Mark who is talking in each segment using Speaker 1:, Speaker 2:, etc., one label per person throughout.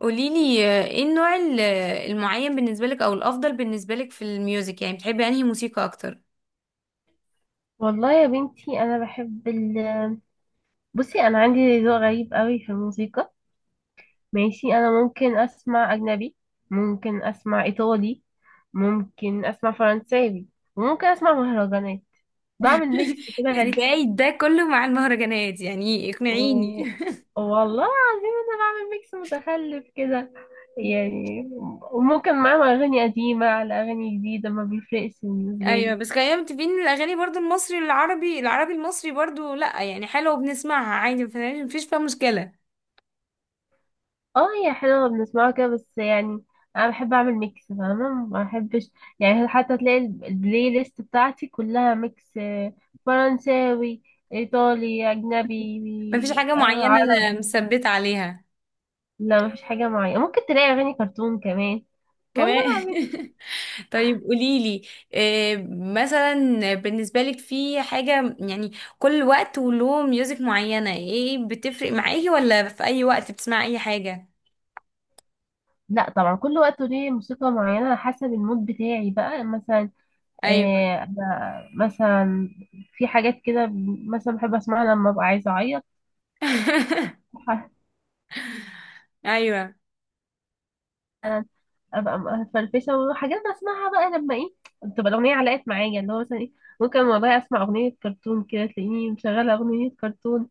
Speaker 1: قوليلي، ايه النوع المعين بالنسبة لك او الافضل بالنسبة لك في الميوزك، يعني بتحبي انهي موسيقى اكتر؟
Speaker 2: والله يا بنتي انا بحب بصي، انا عندي ذوق غريب قوي في الموسيقى. ماشي، انا ممكن اسمع اجنبي، ممكن اسمع ايطالي، ممكن اسمع فرنساوي، وممكن اسمع مهرجانات. بعمل ميكس كده غريب.
Speaker 1: ازاي ده كله مع المهرجانات؟ يعني
Speaker 2: و...
Speaker 1: اقنعيني.
Speaker 2: والله العظيم انا بعمل ميكس متخلف كده يعني، وممكن معاهم اغاني قديمة على اغاني جديدة، ما بيفرقش بالنسبة
Speaker 1: ايوه،
Speaker 2: لي.
Speaker 1: بس خلينا متفقين ان الاغاني برضو المصري العربي، العربي المصري برضو، لا يعني حلوه وبنسمعها عادي. مفيش فيها مشكلة.
Speaker 2: اه، هي حلوة بنسمعها كده بس يعني انا بحب اعمل ميكس فاهمة، ما بحبش يعني، حتى تلاقي البلاي ليست بتاعتي كلها ميكس، فرنساوي، ايطالي،
Speaker 1: مفيش
Speaker 2: اجنبي،
Speaker 1: حاجة معينة انا
Speaker 2: عربي.
Speaker 1: مثبتة عليها.
Speaker 2: لا مفيش حاجة معينة، ممكن تلاقي اغاني كرتون كمان، والله
Speaker 1: كمان.
Speaker 2: العظيم.
Speaker 1: طيب، قوليلي، مثلا بالنسبة لك، في حاجة يعني كل وقت وله ميوزك معينة، ايه بتفرق معاكي ولا في أي وقت بتسمعي أي حاجة؟
Speaker 2: لا طبعا كل وقت ليه موسيقى معينة على حسب المود بتاعي بقى، مثلا
Speaker 1: أيوه.
Speaker 2: أنا مثلا في حاجات كده مثلا بحب اسمعها لما ابقى عايزة اعيط.
Speaker 1: أيوه،
Speaker 2: ابقى مفرفشه وحاجات بسمعها بقى لما ايه، تبقى الاغنيه علقت معايا اللي هو مثلا ايه، ممكن والله اسمع اغنيه كرتون كده تلاقيني مشغله اغنيه كرتون،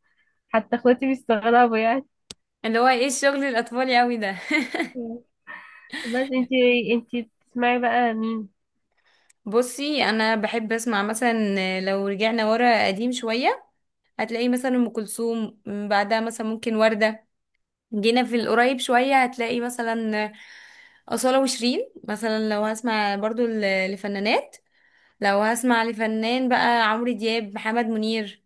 Speaker 2: حتى اخواتي بيستغربوا يعني.
Speaker 1: اللي هو ايه الشغل الأطفالي أوي ده؟
Speaker 2: بس انتي، انتي بتسمعي بقى مين؟
Speaker 1: بصي، أنا بحب أسمع مثلا، لو رجعنا ورا قديم شوية هتلاقي مثلا أم كلثوم، بعدها مثلا ممكن وردة. جينا في القريب شوية هتلاقي مثلا أصالة وشيرين، مثلا لو هسمع برضو لفنانات. لو هسمع لفنان بقى، عمرو دياب، محمد منير.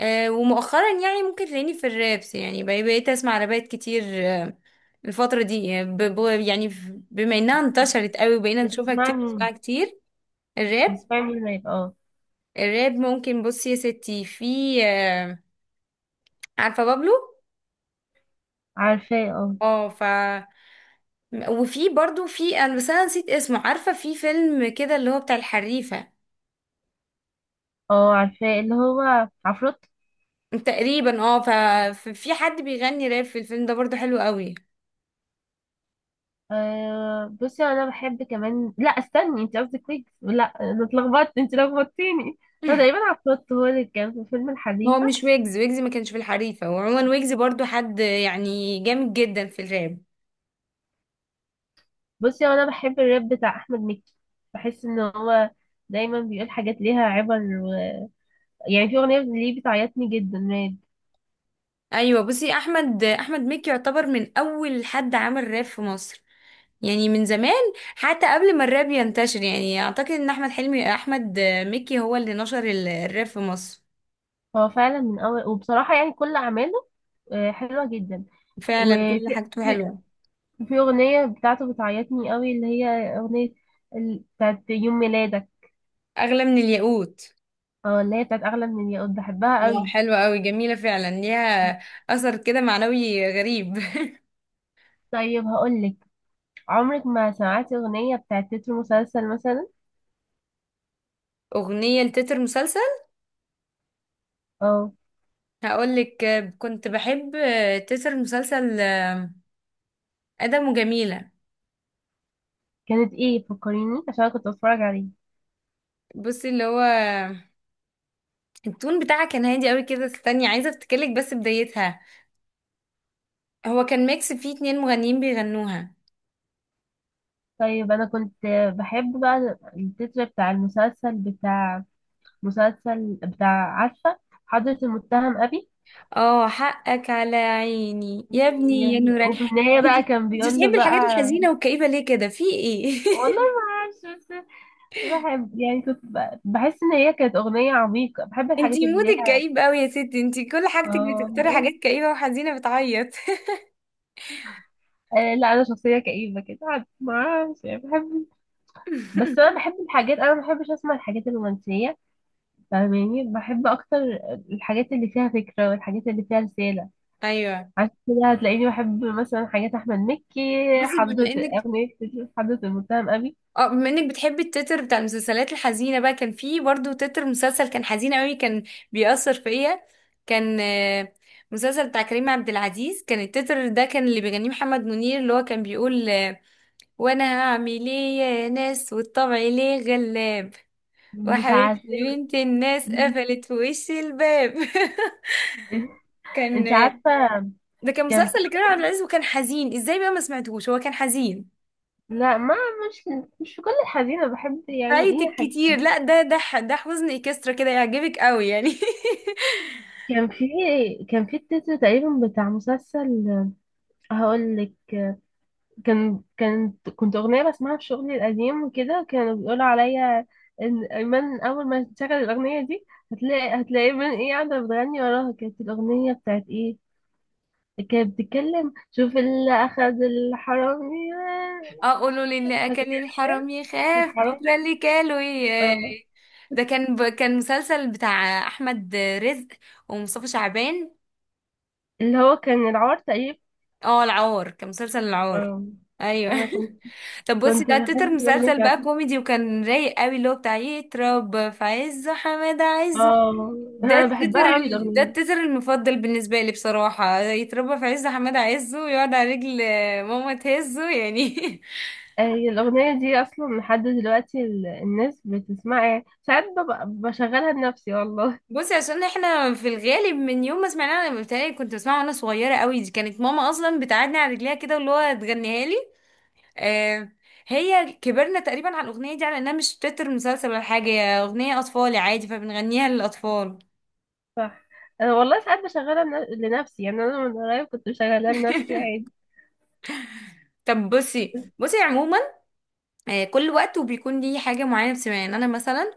Speaker 1: ومؤخرا يعني ممكن تلاقيني في الرابس، يعني بقيت اسمع رابات كتير. الفترة دي، يعني بما انها انتشرت قوي وبقينا نشوفها
Speaker 2: بتسمعي
Speaker 1: كتير، نسمعها
Speaker 2: مين
Speaker 1: كتير. الراب
Speaker 2: بتسمعي مين ما يبقى اه.
Speaker 1: الراب ممكن، بصي يا ستي، في آه، عارفة بابلو؟
Speaker 2: عارفاه اه.
Speaker 1: اه ف وفي برضو، في انا بس انا نسيت اسمه، عارفة في فيلم كده اللي هو بتاع الحريفة؟
Speaker 2: اه عارفاه، اللي هو عفروت.
Speaker 1: تقريبا. اه ففي حد بيغني راب في الفيلم ده برضو، حلو قوي.
Speaker 2: آه بصي انا بحب كمان، لا استني، انت قصدك ويجز؟ لا انا اتلخبطت، انت لخبطتيني. هو تقريبا عفروت هو اللي كان في فيلم الحديد.
Speaker 1: هو مش ويجز؟ ويجز ما كانش في الحريفة، وعموما ويجز برضو حد يعني جامد جدا في الراب.
Speaker 2: بصي هو انا بحب الراب بتاع احمد مكي، بحس ان هو دايما بيقول حاجات ليها عبر. يعني في اغنيه ليه بتعيطني جدا راب.
Speaker 1: ايوه، بصي احمد مكي يعتبر من اول حد عمل راب في مصر، يعني من زمان. حتى قبل ما الراب ينتشر، يعني اعتقد ان احمد مكي هو اللي نشر الراب في مصر.
Speaker 2: هو فعلا من اول وبصراحه يعني كل اعماله حلوه جدا.
Speaker 1: فعلا
Speaker 2: وفي
Speaker 1: كل حاجته
Speaker 2: في...
Speaker 1: حلوة.
Speaker 2: في اغنيه بتاعته بتعيطني قوي، اللي هي اغنيه بتاعت يوم ميلادك.
Speaker 1: اغلى من الياقوت.
Speaker 2: اه اللي هي بتاعت اغلى من الياقوت، بحبها
Speaker 1: اه،
Speaker 2: قوي.
Speaker 1: حلوة قوي جميلة فعلا، ليها اثر كده معنوي غريب.
Speaker 2: طيب هقولك، عمرك ما سمعتي اغنيه بتاعت تتر مسلسل مثلا؟
Speaker 1: اغنية لتتر مسلسل؟
Speaker 2: اه،
Speaker 1: هقولك، كنت بحب تتر مسلسل ادم وجميله.
Speaker 2: كانت ايه؟ فكريني عشان أنا كنت بتفرج عليه.
Speaker 1: بصي، اللي هو التون بتاعها كان هادي قوي كده، استني عايزه افتكرلك بس بدايتها. هو كان ميكس فيه اتنين مغنيين بيغنوها.
Speaker 2: طيب انا كنت بحب بقى التتر بتاع المسلسل، بتاع مسلسل بتاع، عارفه حضرة المتهم ابي؟
Speaker 1: اه، حقك على عيني يا ابني يا
Speaker 2: يعني
Speaker 1: نورك.
Speaker 2: وفي النهايه
Speaker 1: انت
Speaker 2: بقى
Speaker 1: انت
Speaker 2: كان بيقول له
Speaker 1: بتحبي الحاجات
Speaker 2: بقى،
Speaker 1: الحزينه والكئيبه ليه كده، في ايه؟
Speaker 2: والله ما اعرفش بس بحب يعني، كنت بحس ان هي كانت اغنيه عميقه، بحب
Speaker 1: انت
Speaker 2: الحاجات اللي
Speaker 1: مودك
Speaker 2: ليها.
Speaker 1: كئيب قوي يا ستي، انت كل حاجتك بتختاري
Speaker 2: اه.
Speaker 1: حاجات كئيبه وحزينه بتعيط.
Speaker 2: لا انا شخصيه كئيبه كده عاد، ما اعرفش يعني بحب. بس انا بحب الحاجات، انا ما بحبش اسمع الحاجات الرومانسيه فاهماني، بحب اكتر الحاجات اللي فيها فكره والحاجات اللي فيها رساله.
Speaker 1: ايوه،
Speaker 2: عشان كده هتلاقيني بحب مثلا حاجات احمد مكي،
Speaker 1: بصي بما
Speaker 2: حضرة،
Speaker 1: انك
Speaker 2: اغنية حضرة المتهم ابي.
Speaker 1: اه بما انك بتحبي التتر بتاع المسلسلات الحزينه بقى، كان في برضو تتر مسلسل كان حزين قوي، كان بيأثر فيا. كان مسلسل بتاع كريم عبد العزيز، كان التتر ده، كان اللي بيغنيه محمد منير، اللي هو كان بيقول، وانا هعمل ايه يا ناس، والطبع ليه غلاب.
Speaker 2: مش
Speaker 1: وحبيبتي
Speaker 2: عارفة.
Speaker 1: بنت الناس قفلت في وش الباب. كان.
Speaker 2: انت عارفة،
Speaker 1: ده كان
Speaker 2: كان
Speaker 1: مسلسل
Speaker 2: في،
Speaker 1: لكريم عبد العزيز وكان حزين ازاي بقى، ما سمعتهوش؟ هو كان حزين.
Speaker 2: لا ما، مش، مش في كل الحزينة بحب، يعني ايه
Speaker 1: فايتك
Speaker 2: حاجات كده.
Speaker 1: كتير، لا، ده حزن اكسترا كده، يعجبك قوي يعني.
Speaker 2: كان في، كان في التتر تقريبا بتاع مسلسل، هقول لك، كان كانت كنت اغنية بسمعها في شغلي القديم، وكده كانوا بيقولوا عليا ان ايمن اول ما تشغل الاغنية دي هتلاقي من ايه قاعدة بتغني وراها. كانت الاغنية بتاعت ايه، كانت بتتكلم، شوف اللي أخذ الحرامي.
Speaker 1: اقولوا للي
Speaker 2: فاكرة
Speaker 1: اكل الحرام يخاف
Speaker 2: الحرامي؟
Speaker 1: بكره اللي كاله
Speaker 2: اه،
Speaker 1: ده كان كان مسلسل بتاع احمد رزق ومصطفى شعبان.
Speaker 2: اللي هو كان العار تقريبا.
Speaker 1: اه، العار، كان مسلسل العار.
Speaker 2: اه.
Speaker 1: ايوه.
Speaker 2: أنا كنت،
Speaker 1: طب، بصي،
Speaker 2: كنت
Speaker 1: ده تتر
Speaker 2: بحب الأغنية
Speaker 1: مسلسل بقى
Speaker 2: بتاعته.
Speaker 1: كوميدي وكان رايق قوي، اللي هو بتاع يترب في عزه حماده عزه.
Speaker 2: اه، أنا بحبها أوي
Speaker 1: ده
Speaker 2: الأغنية دي.
Speaker 1: التتر المفضل بالنسبة لي بصراحة، يتربى في عز حماد عزه ويقعد على رجل ماما تهزه يعني.
Speaker 2: هي الأغنية دي أصلا لحد دلوقتي الناس بتسمعها، يعني ساعات ببقى بشغلها لنفسي والله.
Speaker 1: بصي، عشان احنا في الغالب من يوم ما سمعناه، انا بتهيألي كنت بسمعه وانا صغيرة قوي، دي كانت ماما اصلا بتقعدني على رجليها كده واللي هو تغنيها لي. آه هي كبرنا تقريبا على الاغنية دي، على انها مش تتر مسلسل ولا حاجة، هي اغنية اطفالي عادي، فبنغنيها للاطفال.
Speaker 2: صح، أنا والله ساعات بشغلها لنفسي، يعني أنا من قريب كنت بشغلها لنفسي.
Speaker 1: طب، بصي
Speaker 2: عادي.
Speaker 1: بصي عموما، كل وقت وبيكون ليه حاجة معينة بتسمعها. يعني أنا مثلا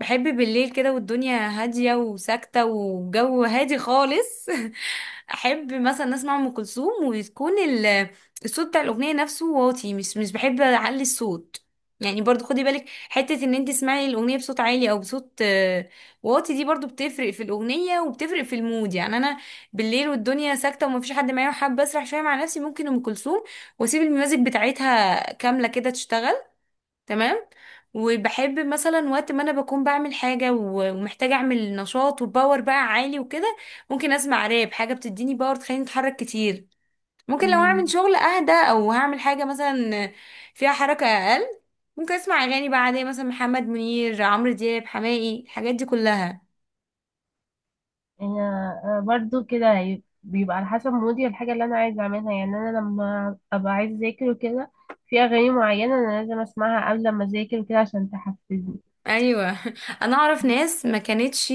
Speaker 1: بحب بالليل كده والدنيا هادية وساكتة والجو هادي خالص. أحب مثلا أسمع أم كلثوم، وتكون الصوت بتاع الأغنية نفسه واطي، مش بحب أعلي الصوت. يعني برضو خدي بالك، حتة ان انت تسمعي الأغنية بصوت عالي أو بصوت واطي، دي برضو بتفرق في الأغنية وبتفرق في المود. يعني أنا بالليل والدنيا ساكتة ومفيش حد معايا وحابة أسرح شوية مع نفسي، ممكن أم كلثوم وأسيب الميوزك بتاعتها كاملة كده تشتغل. تمام. وبحب مثلا وقت ما انا بكون بعمل حاجة ومحتاجة اعمل نشاط وباور بقى عالي وكده، ممكن اسمع راب، حاجة بتديني باور تخليني اتحرك كتير. ممكن لو هعمل شغل اهدى او هعمل حاجة مثلا فيها حركة اقل، ممكن اسمع اغاني بقى عادية، مثلا محمد منير، عمرو دياب، حماقي، الحاجات دي كلها.
Speaker 2: يعني أنا برضو كده، بيبقى على حسب مودي الحاجة اللي أنا عايزة أعملها، يعني أنا لما أبقى عايزة أذاكر وكده في أغاني معينة أنا لازم أسمعها قبل ما أذاكر وكده عشان تحفزني.
Speaker 1: ايوه. انا اعرف ناس ما كانتش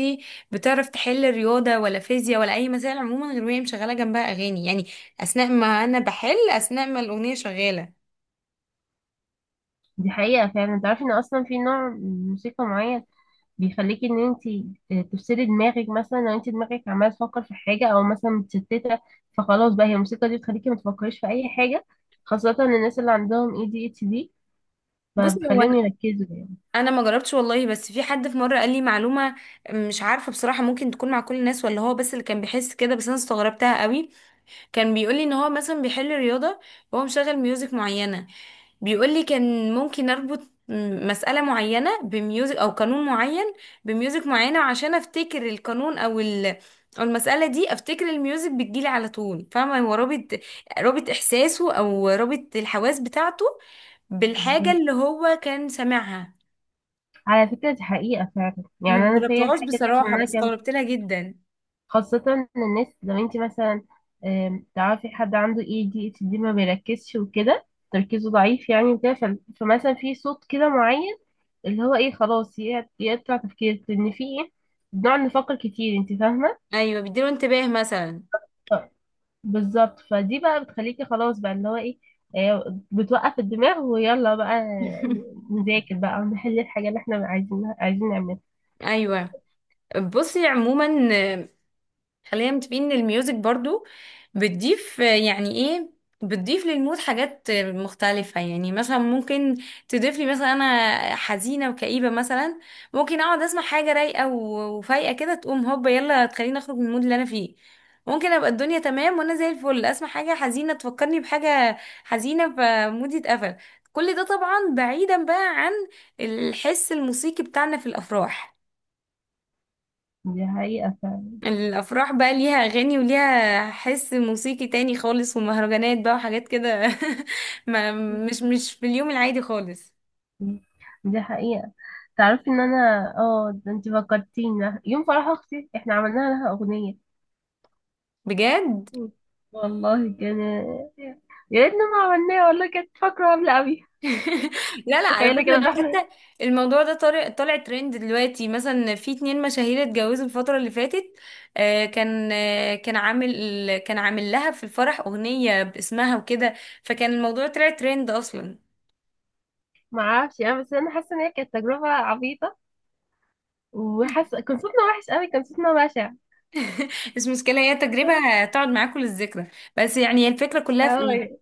Speaker 1: بتعرف تحل رياضه ولا فيزياء ولا اي مسائل عموما، غير وهي مشغله جنبها اغاني، يعني اثناء ما انا بحل، اثناء ما الاغنيه شغاله.
Speaker 2: دي حقيقة فعلا. تعرفي إن أصلا في نوع من موسيقى معين بيخليكي إن أنتي تفصلي دماغك، مثلا لو أنتي دماغك عمالة تفكر في حاجة أو مثلا متشتتة، فخلاص بقى هي الموسيقى دي بتخليكي ما تفكريش في أي حاجة. خاصة الناس اللي عندهم اي دي اتش دي بقى
Speaker 1: بصي، هو
Speaker 2: بتخليهم
Speaker 1: انا
Speaker 2: يركزوا.
Speaker 1: انا ما جربتش والله، بس في حد في مره قال لي معلومه، مش عارفه بصراحه ممكن تكون مع كل الناس ولا هو بس اللي كان بيحس كده، بس انا استغربتها قوي. كان بيقولي ان هو مثلا بيحل رياضة وهو مشغل ميوزك معينة، بيقولي كان ممكن اربط مسألة معينة بميوزك او قانون معين بميوزك معينة، عشان افتكر القانون او المسألة دي، افتكر الميوزك بتجيلي على طول، فاهمة؟ هو رابط احساسه، او رابط الحواس بتاعته بالحاجة اللي
Speaker 2: يعني
Speaker 1: هو كان سامعها.
Speaker 2: على فكرة دي حقيقة فعلا، يعني
Speaker 1: ما
Speaker 2: أنا فيا
Speaker 1: جربتهاش
Speaker 2: الحاجة دي
Speaker 1: بصراحة،
Speaker 2: عشان أنا
Speaker 1: بس
Speaker 2: كان،
Speaker 1: استغربت لها جدا.
Speaker 2: خاصة إن الناس، لو أنت مثلا تعرفي حد عنده اي دي اتش دي، ما بيركزش وكده، تركيزه ضعيف يعني وكده، فمثلا في صوت كده معين اللي هو ايه خلاص يقطع تفكيرك، لأن في ايه بنقعد نفكر كتير، أنت فاهمة؟
Speaker 1: ايوه، بيديله انتباه مثلا.
Speaker 2: ف- بالظبط، فدي بقى بتخليكي خلاص بقى اللي هو ايه، بتوقف الدماغ ويلا بقى نذاكر بقى ونحل الحاجة اللي احنا عايزين نعملها.
Speaker 1: ايوه، بصي عموما، خلينا متفقين ان الميوزك برضو بتضيف، يعني ايه، بتضيف للمود حاجات مختلفة. يعني مثلا ممكن تضيف لي مثلا، انا حزينة وكئيبة مثلا، ممكن اقعد اسمع حاجة رايقة وفايقة كده تقوم هوبا، يلا تخليني اخرج من المود اللي انا فيه. ممكن ابقى الدنيا تمام وانا زي الفل، اسمع حاجة حزينة تفكرني بحاجة حزينة فمودي اتقفل. كل ده طبعا بعيدا بقى عن الحس الموسيقي بتاعنا في الافراح.
Speaker 2: دي حقيقة فعلا.
Speaker 1: الافراح بقى ليها اغاني وليها حس موسيقي تاني خالص، ومهرجانات بقى وحاجات كده. ما مش مش في اليوم العادي خالص.
Speaker 2: مم. دي حقيقة. تعرفي ان انا، اه ده انت فكرتينا يوم فرح اختي احنا عملنا لها اغنية.
Speaker 1: بجد؟
Speaker 2: مم. والله كان، يا ريتنا ما عملناها، والله كانت فاكرة عاملة قوي.
Speaker 1: لا، لا، على
Speaker 2: تخيلي
Speaker 1: فكرة
Speaker 2: كده
Speaker 1: دي
Speaker 2: احنا،
Speaker 1: حتى الموضوع ده طالع ترند دلوقتي، مثلا في اتنين مشاهير اتجوزوا الفترة اللي فاتت، كان عامل لها في الفرح أغنية باسمها وكده، فكان الموضوع طلع ترند أصلا.
Speaker 2: ما اعرفش، انا بس انا حاسة ان هي كانت تجربة عبيطة، وحاسة كان صوتنا وحش قوي، كان صوتنا بشع.
Speaker 1: بس المشكلة هي تجربة هتقعد معاكم للذكرى، بس يعني هي الفكرة كلها في ايه.
Speaker 2: اه.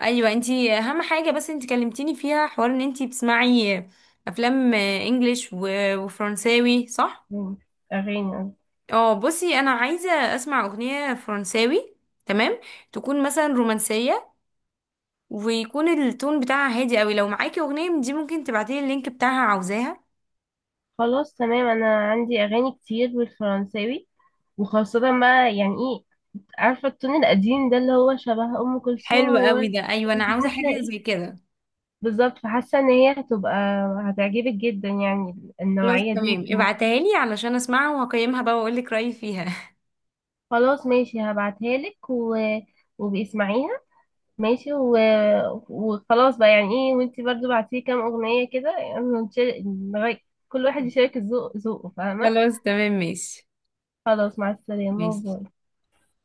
Speaker 1: ايوه، انتي اهم حاجه، بس انتي كلمتيني فيها حوار ان انتي بتسمعي افلام انجليش وفرنساوي، صح؟
Speaker 2: مم. اغاني.
Speaker 1: اه، بصي انا عايزه اسمع اغنيه فرنساوي. تمام. تكون مثلا رومانسيه، ويكون التون بتاعها هادي قوي، لو معاكي اغنيه من دي ممكن تبعتيلي اللينك بتاعها، عاوزاها.
Speaker 2: خلاص تمام، انا عندي اغاني كتير بالفرنساوي، وخاصة بقى يعني إيه، عارفة التون القديم ده اللي هو شبه أم كلثوم
Speaker 1: حلو قوي
Speaker 2: وورد.
Speaker 1: ده، ايوه انا عاوزه
Speaker 2: حاسة
Speaker 1: حاجه
Speaker 2: ايه
Speaker 1: زي كده.
Speaker 2: بالظبط، فحاسة ان هي هتبقى هتعجبك جدا يعني،
Speaker 1: خلاص
Speaker 2: النوعية دي من
Speaker 1: تمام،
Speaker 2: الموسيقى.
Speaker 1: ابعتها لي علشان اسمعها وهقيمها بقى واقول لك رايي فيها.
Speaker 2: خلاص ماشي هبعتها لك، وباسمعيها، ماشي، وخلاص بقى يعني ايه، وانتي برضو بعتيه كام اغنية كده، يعني كل واحد يشارك ذوقه فاهمة.
Speaker 1: خلاص تمام، ماشي.
Speaker 2: خلاص، مع السلامة،
Speaker 1: ماشي.
Speaker 2: باي.